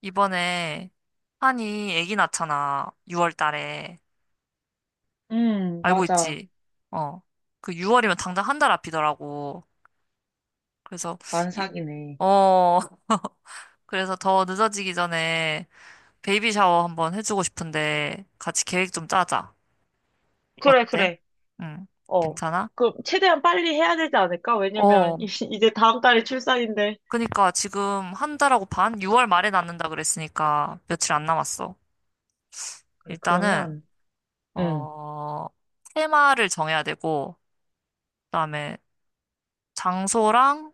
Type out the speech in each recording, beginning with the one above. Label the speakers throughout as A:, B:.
A: 이번에 한이 아기 낳잖아. 6월 달에. 알고
B: 맞아.
A: 있지? 어. 그 6월이면 당장 한달 앞이더라고. 그래서 이-
B: 만삭이네.
A: 어. 그래서 더 늦어지기 전에 베이비 샤워 한번 해주고 싶은데 같이 계획 좀 짜자.
B: 그래,
A: 어때?
B: 그래.
A: 응.
B: 어.
A: 괜찮아?
B: 그, 최대한 빨리 해야 되지 않을까? 왜냐면,
A: 어.
B: 이제 다음 달에 출산인데.
A: 그니까 지금 한 달하고 반? 6월 말에 낳는다 그랬으니까 며칠 안 남았어.
B: 그래,
A: 일단은
B: 그러면, 음.
A: 어, 테마를 정해야 되고 그다음에 장소랑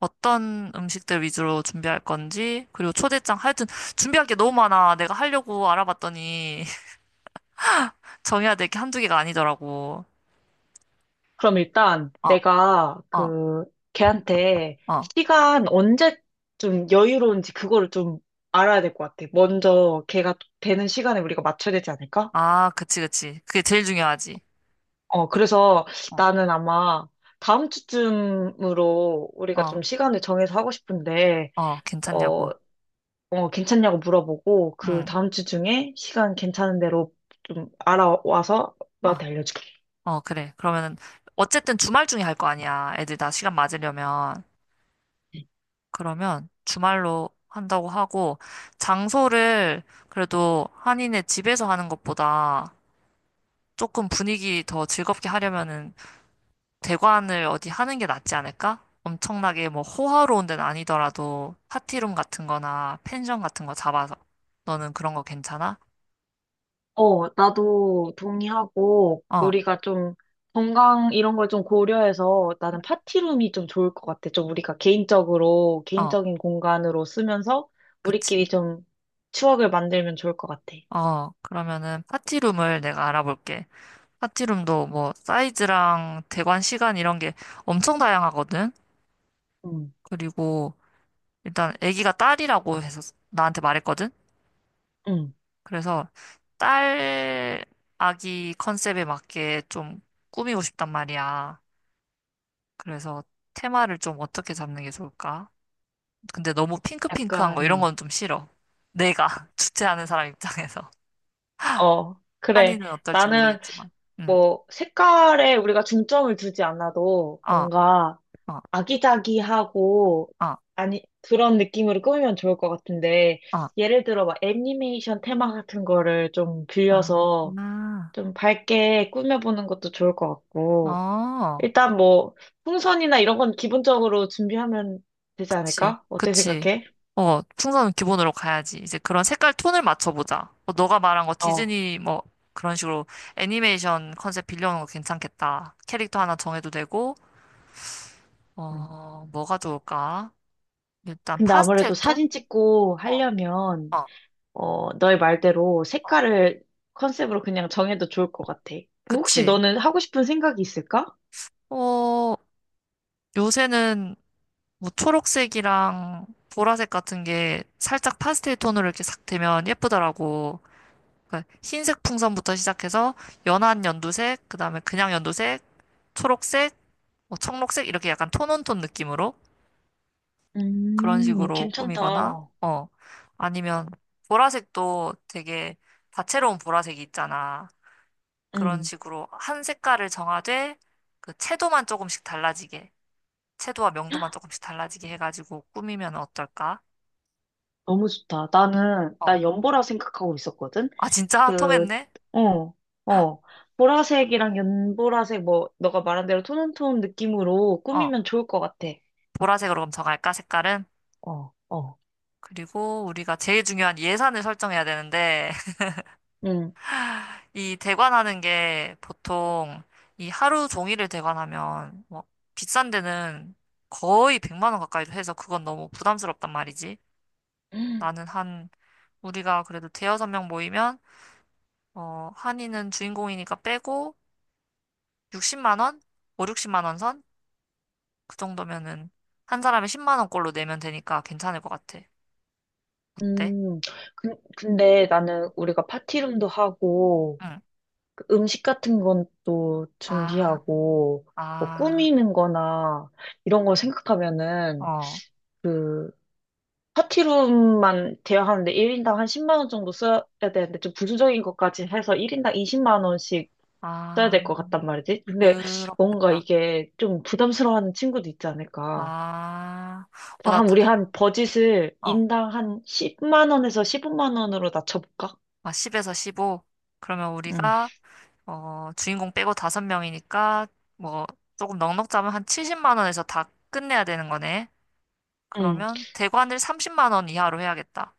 A: 어떤 음식들 위주로 준비할 건지, 그리고 초대장, 하여튼 준비할 게 너무 많아. 내가 하려고 알아봤더니 정해야 될 게 한두 개가 아니더라고.
B: 그럼 일단
A: 어,
B: 내가
A: 어,
B: 그, 걔한테
A: 어.
B: 시간 언제쯤 여유로운지 그거를 좀 알아야 될 것 같아. 먼저 걔가 되는 시간에 우리가 맞춰야 되지 않을까?
A: 아, 그치, 그치. 그게 제일 중요하지.
B: 어, 그래서
A: 어,
B: 나는 아마 다음 주쯤으로 우리가
A: 어,
B: 좀 시간을 정해서 하고 싶은데,
A: 어,
B: 어
A: 괜찮냐고.
B: 어, 괜찮냐고 물어보고 그
A: 응,
B: 다음 주 중에 시간 괜찮은 대로 좀 알아와서
A: 어,
B: 너한테 알려줄게.
A: 어, 그래. 그러면은, 어쨌든 주말 중에 할 거 아니야. 애들 다 시간 맞으려면. 그러면 주말로 한다고 하고, 장소를 그래도 한인의 집에서 하는 것보다 조금 분위기 더 즐겁게 하려면은 대관을 어디 하는 게 낫지 않을까? 엄청나게 뭐 호화로운 데는 아니더라도 파티룸 같은 거나 펜션 같은 거 잡아서. 너는 그런 거 괜찮아?
B: 어, 나도 동의하고,
A: 어,
B: 우리가 좀 건강 이런 걸 좀 고려해서 나는 파티룸이 좀 좋을 것 같아. 좀 우리가 개인적으로,
A: 어,
B: 개인적인 공간으로 쓰면서
A: 그치.
B: 우리끼리 좀 추억을 만들면 좋을 것 같아.
A: 어, 그러면은 파티룸을 내가 알아볼게. 파티룸도 뭐 사이즈랑 대관 시간 이런 게 엄청 다양하거든?
B: 응,
A: 그리고 일단 아기가 딸이라고 해서 나한테 말했거든?
B: 응.
A: 그래서 딸 아기 컨셉에 맞게 좀 꾸미고 싶단 말이야. 그래서 테마를 좀 어떻게 잡는 게 좋을까? 근데 너무 핑크핑크한
B: 약간,
A: 거 이런 건 좀 싫어. 내가 주최하는 사람 입장에서.
B: 어, 그래.
A: 한이는 어떨지
B: 나는
A: 모르겠지만. 응.
B: 뭐 색깔에 우리가 중점을 두지 않아도
A: 어,
B: 뭔가
A: 어,
B: 아기자기하고,
A: 어,
B: 아니, 그런 느낌으로 꾸미면 좋을 것 같은데,
A: 어, 어.
B: 예를 들어 막 애니메이션 테마 같은 거를 좀 빌려서
A: 아,
B: 좀 밝게 꾸며보는 것도 좋을 것 같고,
A: 어.
B: 일단 뭐, 풍선이나 이런 건 기본적으로 준비하면 되지
A: 그치,
B: 않을까? 어떻게
A: 그치.
B: 생각해?
A: 어, 풍선은 기본으로 가야지. 이제 그런 색깔 톤을 맞춰보자. 어, 너가 말한 거
B: 어.
A: 디즈니 뭐 그런 식으로 애니메이션 컨셉 빌려오는 거 괜찮겠다. 캐릭터 하나 정해도 되고,
B: 음.
A: 어, 뭐가 좋을까? 일단
B: 근데
A: 파스텔
B: 아무래도
A: 톤?
B: 사진 찍고
A: 어,
B: 하려면,
A: 어,
B: 어, 너의 말대로 색깔을 컨셉으로 그냥 정해도 좋을 것 같아. 그럼 혹시
A: 그치.
B: 너는 하고 싶은 생각이 있을까?
A: 어, 요새는 뭐 초록색이랑 보라색 같은 게 살짝 파스텔 톤으로 이렇게 싹 되면 예쁘더라고. 그러니까 흰색 풍선부터 시작해서 연한 연두색, 그다음에 그냥 연두색, 초록색, 뭐 청록색 이렇게 약간 톤온톤 느낌으로 그런 식으로 꾸미거나
B: 괜찮다.
A: 어, 아니면 보라색도 되게 다채로운 보라색이 있잖아. 그런
B: 음,
A: 식으로 한 색깔을 정하되 그 채도만 조금씩 달라지게 채도와 명도만 조금씩 달라지게 해가지고 꾸미면 어떨까?
B: 너무 좋다. 나는,
A: 어.
B: 나 연보라 생각하고 있었거든?
A: 아 진짜
B: 그,
A: 통했네.
B: 어, 어. 보라색이랑 연보라색, 뭐, 너가 말한 대로 톤온톤 느낌으로
A: 어,
B: 꾸미면 좋을 것 같아.
A: 보라색으로 그럼 정할까 색깔은?
B: 어, 어.
A: 그리고 우리가 제일 중요한 예산을 설정해야 되는데
B: 음.
A: 이 대관하는 게 보통 이 하루 종일을 대관하면 뭐 비싼 데는 거의 100만 원 가까이도 해서 그건 너무 부담스럽단 말이지. 나는 한 우리가 그래도 대여섯 명 모이면 어, 한이는 주인공이니까 빼고 60만 원, 5, 60만 원 선? 그 정도면은 한 사람에 10만 원꼴로 내면 되니까 괜찮을 것 같아. 어때?
B: 음, 근데 나는 우리가 파티룸도 하고,
A: 응.
B: 그 음식 같은 건 또
A: 아,
B: 준비하고, 뭐
A: 아,
B: 꾸미는 거나, 이런 걸 생각하면은,
A: 어,
B: 그 파티룸만 대여하는데 1인당 한 10만 원 정도 써야 되는데 좀 부수적인 것까지 해서 1인당 20만 원씩 써야
A: 아,
B: 될 것 같단 말이지. 근데 뭔가
A: 그렇겠다.
B: 이게 좀 부담스러워하는 친구도 있지 않을까.
A: 아, 어,
B: 다 한 우리 한 버짓을
A: 어.
B: 인당 한 10만 원에서 15만 원으로 낮춰볼까?
A: 아, 10에서 15. 그러면
B: 응.
A: 우리가, 어, 주인공 빼고 5명이니까, 뭐, 조금 넉넉 잡으면 한 70만 원에서 다 끝내야 되는 거네.
B: 응,
A: 그러면 대관을 30만 원 이하로 해야겠다.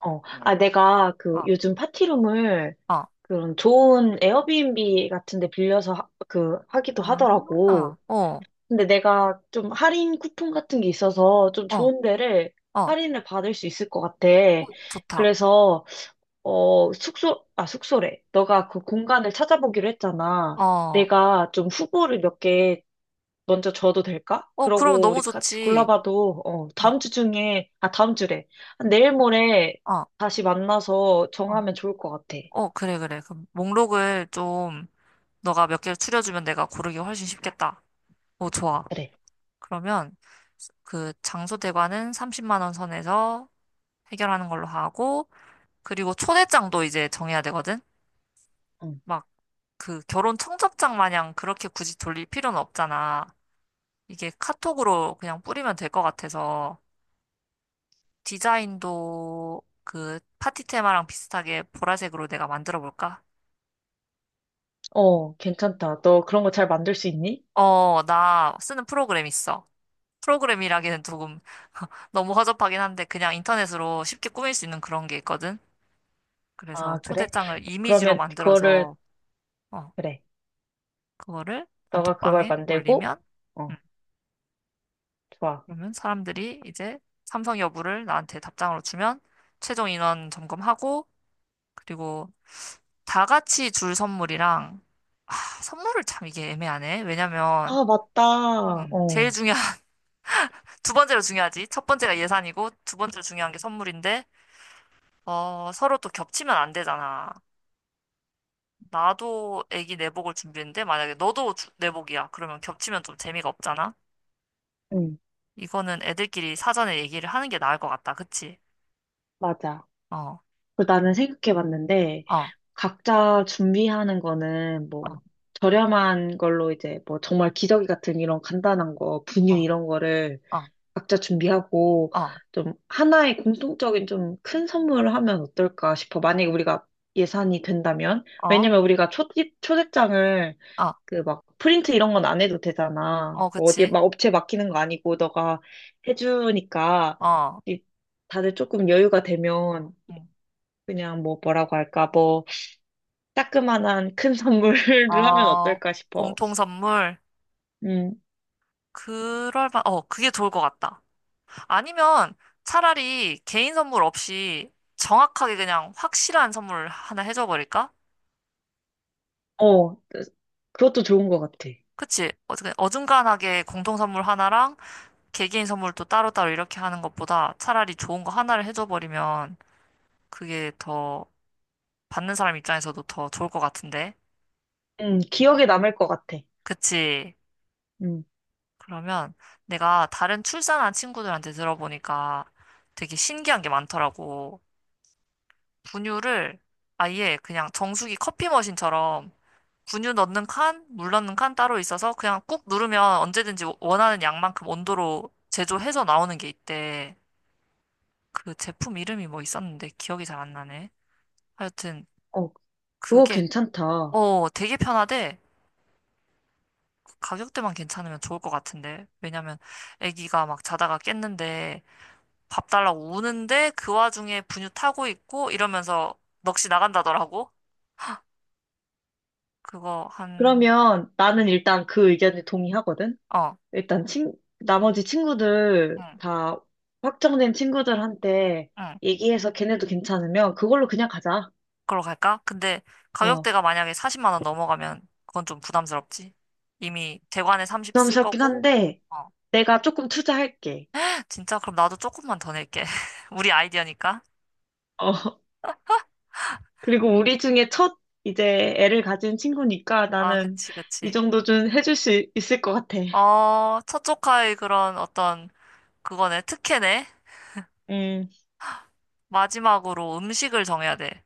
B: 어. 아, 내가 그
A: 어,
B: 요즘 파티룸을
A: 어.
B: 그런 좋은 에어비앤비 같은 데 빌려서 하, 그 하기도
A: 아, 어,
B: 하더라고.
A: 어,
B: 근데 내가 좀 할인 쿠폰 같은 게 있어서 좀
A: 어,
B: 좋은 데를
A: 어,
B: 할인을 받을 수 있을 것 같아.
A: 어, 좋다.
B: 그래서, 어, 숙소, 아, 숙소래. 너가 그 공간을 찾아보기로 했잖아.
A: 어,
B: 내가 좀 후보를 몇 개 먼저 줘도 될까?
A: 어, 그럼
B: 그러고
A: 너무
B: 우리 같이
A: 좋지.
B: 골라봐도, 어, 다음
A: 어,
B: 주 중에, 아, 다음 주래. 내일 모레
A: 어,
B: 다시 만나서
A: 어,
B: 정하면 좋을 것 같아.
A: 어, 그래, 그래. 그럼 목록을 좀, 너가 몇 개를 추려주면 내가 고르기 훨씬 쉽겠다. 어, 좋아.
B: 그래.
A: 그러면 그 장소 대관은 30만 원 선에서 해결하는 걸로 하고 그리고 초대장도 이제 정해야 되거든.
B: 응.
A: 막 그 결혼 청첩장 마냥 그렇게 굳이 돌릴 필요는 없잖아. 이게 카톡으로 그냥 뿌리면 될 것 같아서 디자인도 그 파티 테마랑 비슷하게 보라색으로 내가 만들어 볼까?
B: 어, 괜찮다. 너 그런 거 잘 만들 수 있니?
A: 어, 나 쓰는 프로그램 있어. 프로그램이라기는 조금 너무 허접하긴 한데 그냥 인터넷으로 쉽게 꾸밀 수 있는 그런 게 있거든. 그래서
B: 아, 그래?
A: 초대장을 이미지로
B: 그러면 그거를,
A: 만들어서 어,
B: 그래.
A: 그거를
B: 너가 그걸
A: 단톡방에
B: 만들고,
A: 올리면 음,
B: 어, 좋아.
A: 그러면 사람들이 이제 참석 여부를 나한테 답장으로 주면 최종 인원 점검하고 그리고 다 같이 줄 선물이랑 아, 선물을 참 이게 애매하네. 왜냐면
B: 아, 맞다.
A: 제일
B: 어,
A: 중요한 두 번째로 중요하지. 첫 번째가 예산이고 두 번째로 중요한 게 선물인데 어, 서로 또 겹치면 안 되잖아. 나도 애기 내복을 준비했는데 만약에 너도 내복이야. 그러면 겹치면 좀 재미가 없잖아.
B: 응,
A: 이거는 애들끼리 사전에 얘기를 하는 게 나을 것 같다. 그치?
B: 맞아.
A: 어,
B: 그 나는 생각해봤는데,
A: 어,
B: 각자 준비하는 거는
A: 어,
B: 뭐, 저렴한 걸로 이제 뭐, 정말 기저귀 같은 이런 간단한 거, 분유
A: 어,
B: 이런 거를
A: 어,
B: 각자 준비하고,
A: 어,
B: 좀 하나의 공통적인 좀 큰 선물을 하면 어떨까 싶어. 만약에 우리가 예산이 된다면?
A: 어,
B: 왜냐면 우리가 초대장을
A: 어,
B: 그 막 프린트 이런 건 안 해도 되잖아.
A: 어,
B: 뭐 어디에
A: 그치?
B: 막 업체 맡기는 거 아니고 너가 해주니까
A: 어,
B: 이- 다들 조금 여유가 되면
A: 음.
B: 그냥 뭐라고 할까 뭐 따끔한 큰 선물을 하면
A: 어,
B: 어떨까 싶어.
A: 공통 선물.
B: 음,
A: 그럴 바, 어, 그게 좋을 것 같다. 아니면 차라리 개인 선물 없이 정확하게 그냥 확실한 선물 하나 해줘 버릴까?
B: 어, 그것도 좋은 것 같아.
A: 그치? 어, 그냥 어중간하게 공통 선물 하나랑 개개인 선물도 따로따로 이렇게 하는 것보다 차라리 좋은 거 하나를 해줘 버리면 그게 더 받는 사람 입장에서도 더 좋을 것 같은데.
B: 기억에 남을 것 같아.
A: 그치?
B: 음,
A: 그러면 내가 다른 출산한 친구들한테 들어보니까 되게 신기한 게 많더라고. 분유를 아예 그냥 정수기 커피 머신처럼 분유 넣는 칸, 물 넣는 칸 따로 있어서 그냥 꾹 누르면 언제든지 원하는 양만큼 온도로 제조해서 나오는 게 있대. 그 제품 이름이 뭐 있었는데 기억이 잘 안 나네. 하여튼
B: 어, 그거
A: 그게
B: 괜찮다.
A: 어, 되게 편하대. 가격대만 괜찮으면 좋을 것 같은데. 왜냐면 아기가 막 자다가 깼는데 밥 달라고 우는데 그 와중에 분유 타고 있고 이러면서 넋이 나간다더라고. 그거 한,
B: 그러면 나는 일단 그 의견에 동의하거든.
A: 어,
B: 일단 나머지 친구들
A: 응,
B: 다 확정된 친구들한테
A: 응.
B: 얘기해서 걔네도 괜찮으면 그걸로 그냥 가자.
A: 그걸로 갈까? 근데
B: 어,
A: 가격대가 만약에 40만 원 넘어가면 그건 좀 부담스럽지. 이미 대관에 30 쓸
B: 부담스럽긴
A: 거고.
B: 한데
A: 어.
B: 내가 조금 투자할게.
A: 진짜 그럼 나도 조금만 더 낼게. 우리 아이디어니까.
B: 어, 그리고 우리 중에 첫 이제 애를 가진 친구니까
A: 아,
B: 나는
A: 그치,
B: 이
A: 그치.
B: 정도 좀 해줄 수 있을 것 같아.
A: 어, 첫 조카의 그런 어떤 그거네, 특혜네.
B: 음,
A: 마지막으로 음식을 정해야 돼.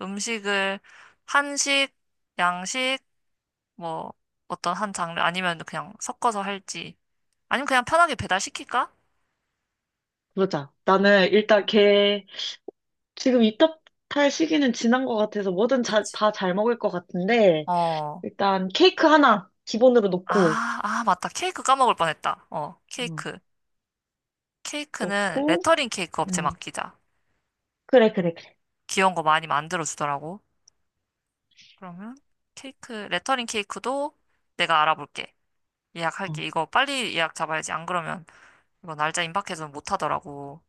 A: 음식을 한식, 양식, 뭐 어떤 한 장르 아니면 그냥 섞어서 할지 아니면 그냥 편하게 배달시킬까?
B: 그러자. 나는 일단 걔 지금 입덧 탈 시기는 지난 것 같아서 뭐든
A: 그치.
B: 다 잘 먹을 것 같은데
A: 어.
B: 일단 케이크 하나 기본으로
A: 아, 아, 맞다. 케이크 까먹을 뻔했다. 어,
B: 음.
A: 케이크. 케이크는
B: 놓고
A: 레터링 케이크 업체
B: 음,
A: 맡기자.
B: 그래, 그래, 그래.
A: 귀여운 거 많이 만들어 주더라고. 그러면 케이크, 레터링 케이크도 내가 알아볼게. 예약할게.
B: 어.
A: 이거 빨리 예약 잡아야지. 안 그러면 이거 날짜 임박해서 못 하더라고.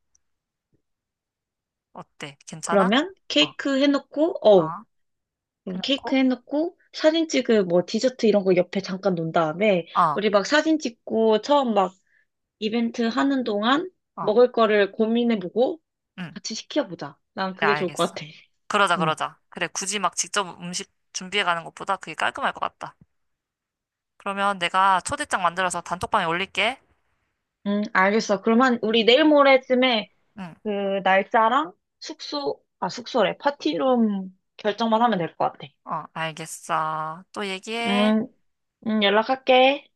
A: 어때? 괜찮아?
B: 그러면
A: 어.
B: 케이크 해놓고,
A: 어,
B: 어, 그럼 케이크
A: 해놓고,
B: 해놓고, 사진 찍을 뭐 디저트 이런 거 옆에 잠깐 놓은 다음에,
A: 어,
B: 우리 막 사진 찍고, 처음 막 이벤트 하는 동안
A: 어,
B: 먹을 거를 고민해보고
A: 응,
B: 같이 시켜보자. 난
A: 그래,
B: 그게 좋을 것
A: 알겠어.
B: 같아.
A: 그러자,
B: 응.
A: 그러자. 그래, 굳이 막 직접 음식 준비해 가는 것보다 그게 깔끔할 것 같다. 그러면 내가 초대장 만들어서 단톡방에 올릴게.
B: 응, 알겠어. 그러면 우리 내일 모레쯤에
A: 응,
B: 그 날짜랑 숙소, 아, 숙소래. 파티룸 결정만 하면 될 것 같아.
A: 어, 알겠어. 또 얘기해.
B: 응, 응, 연락할게.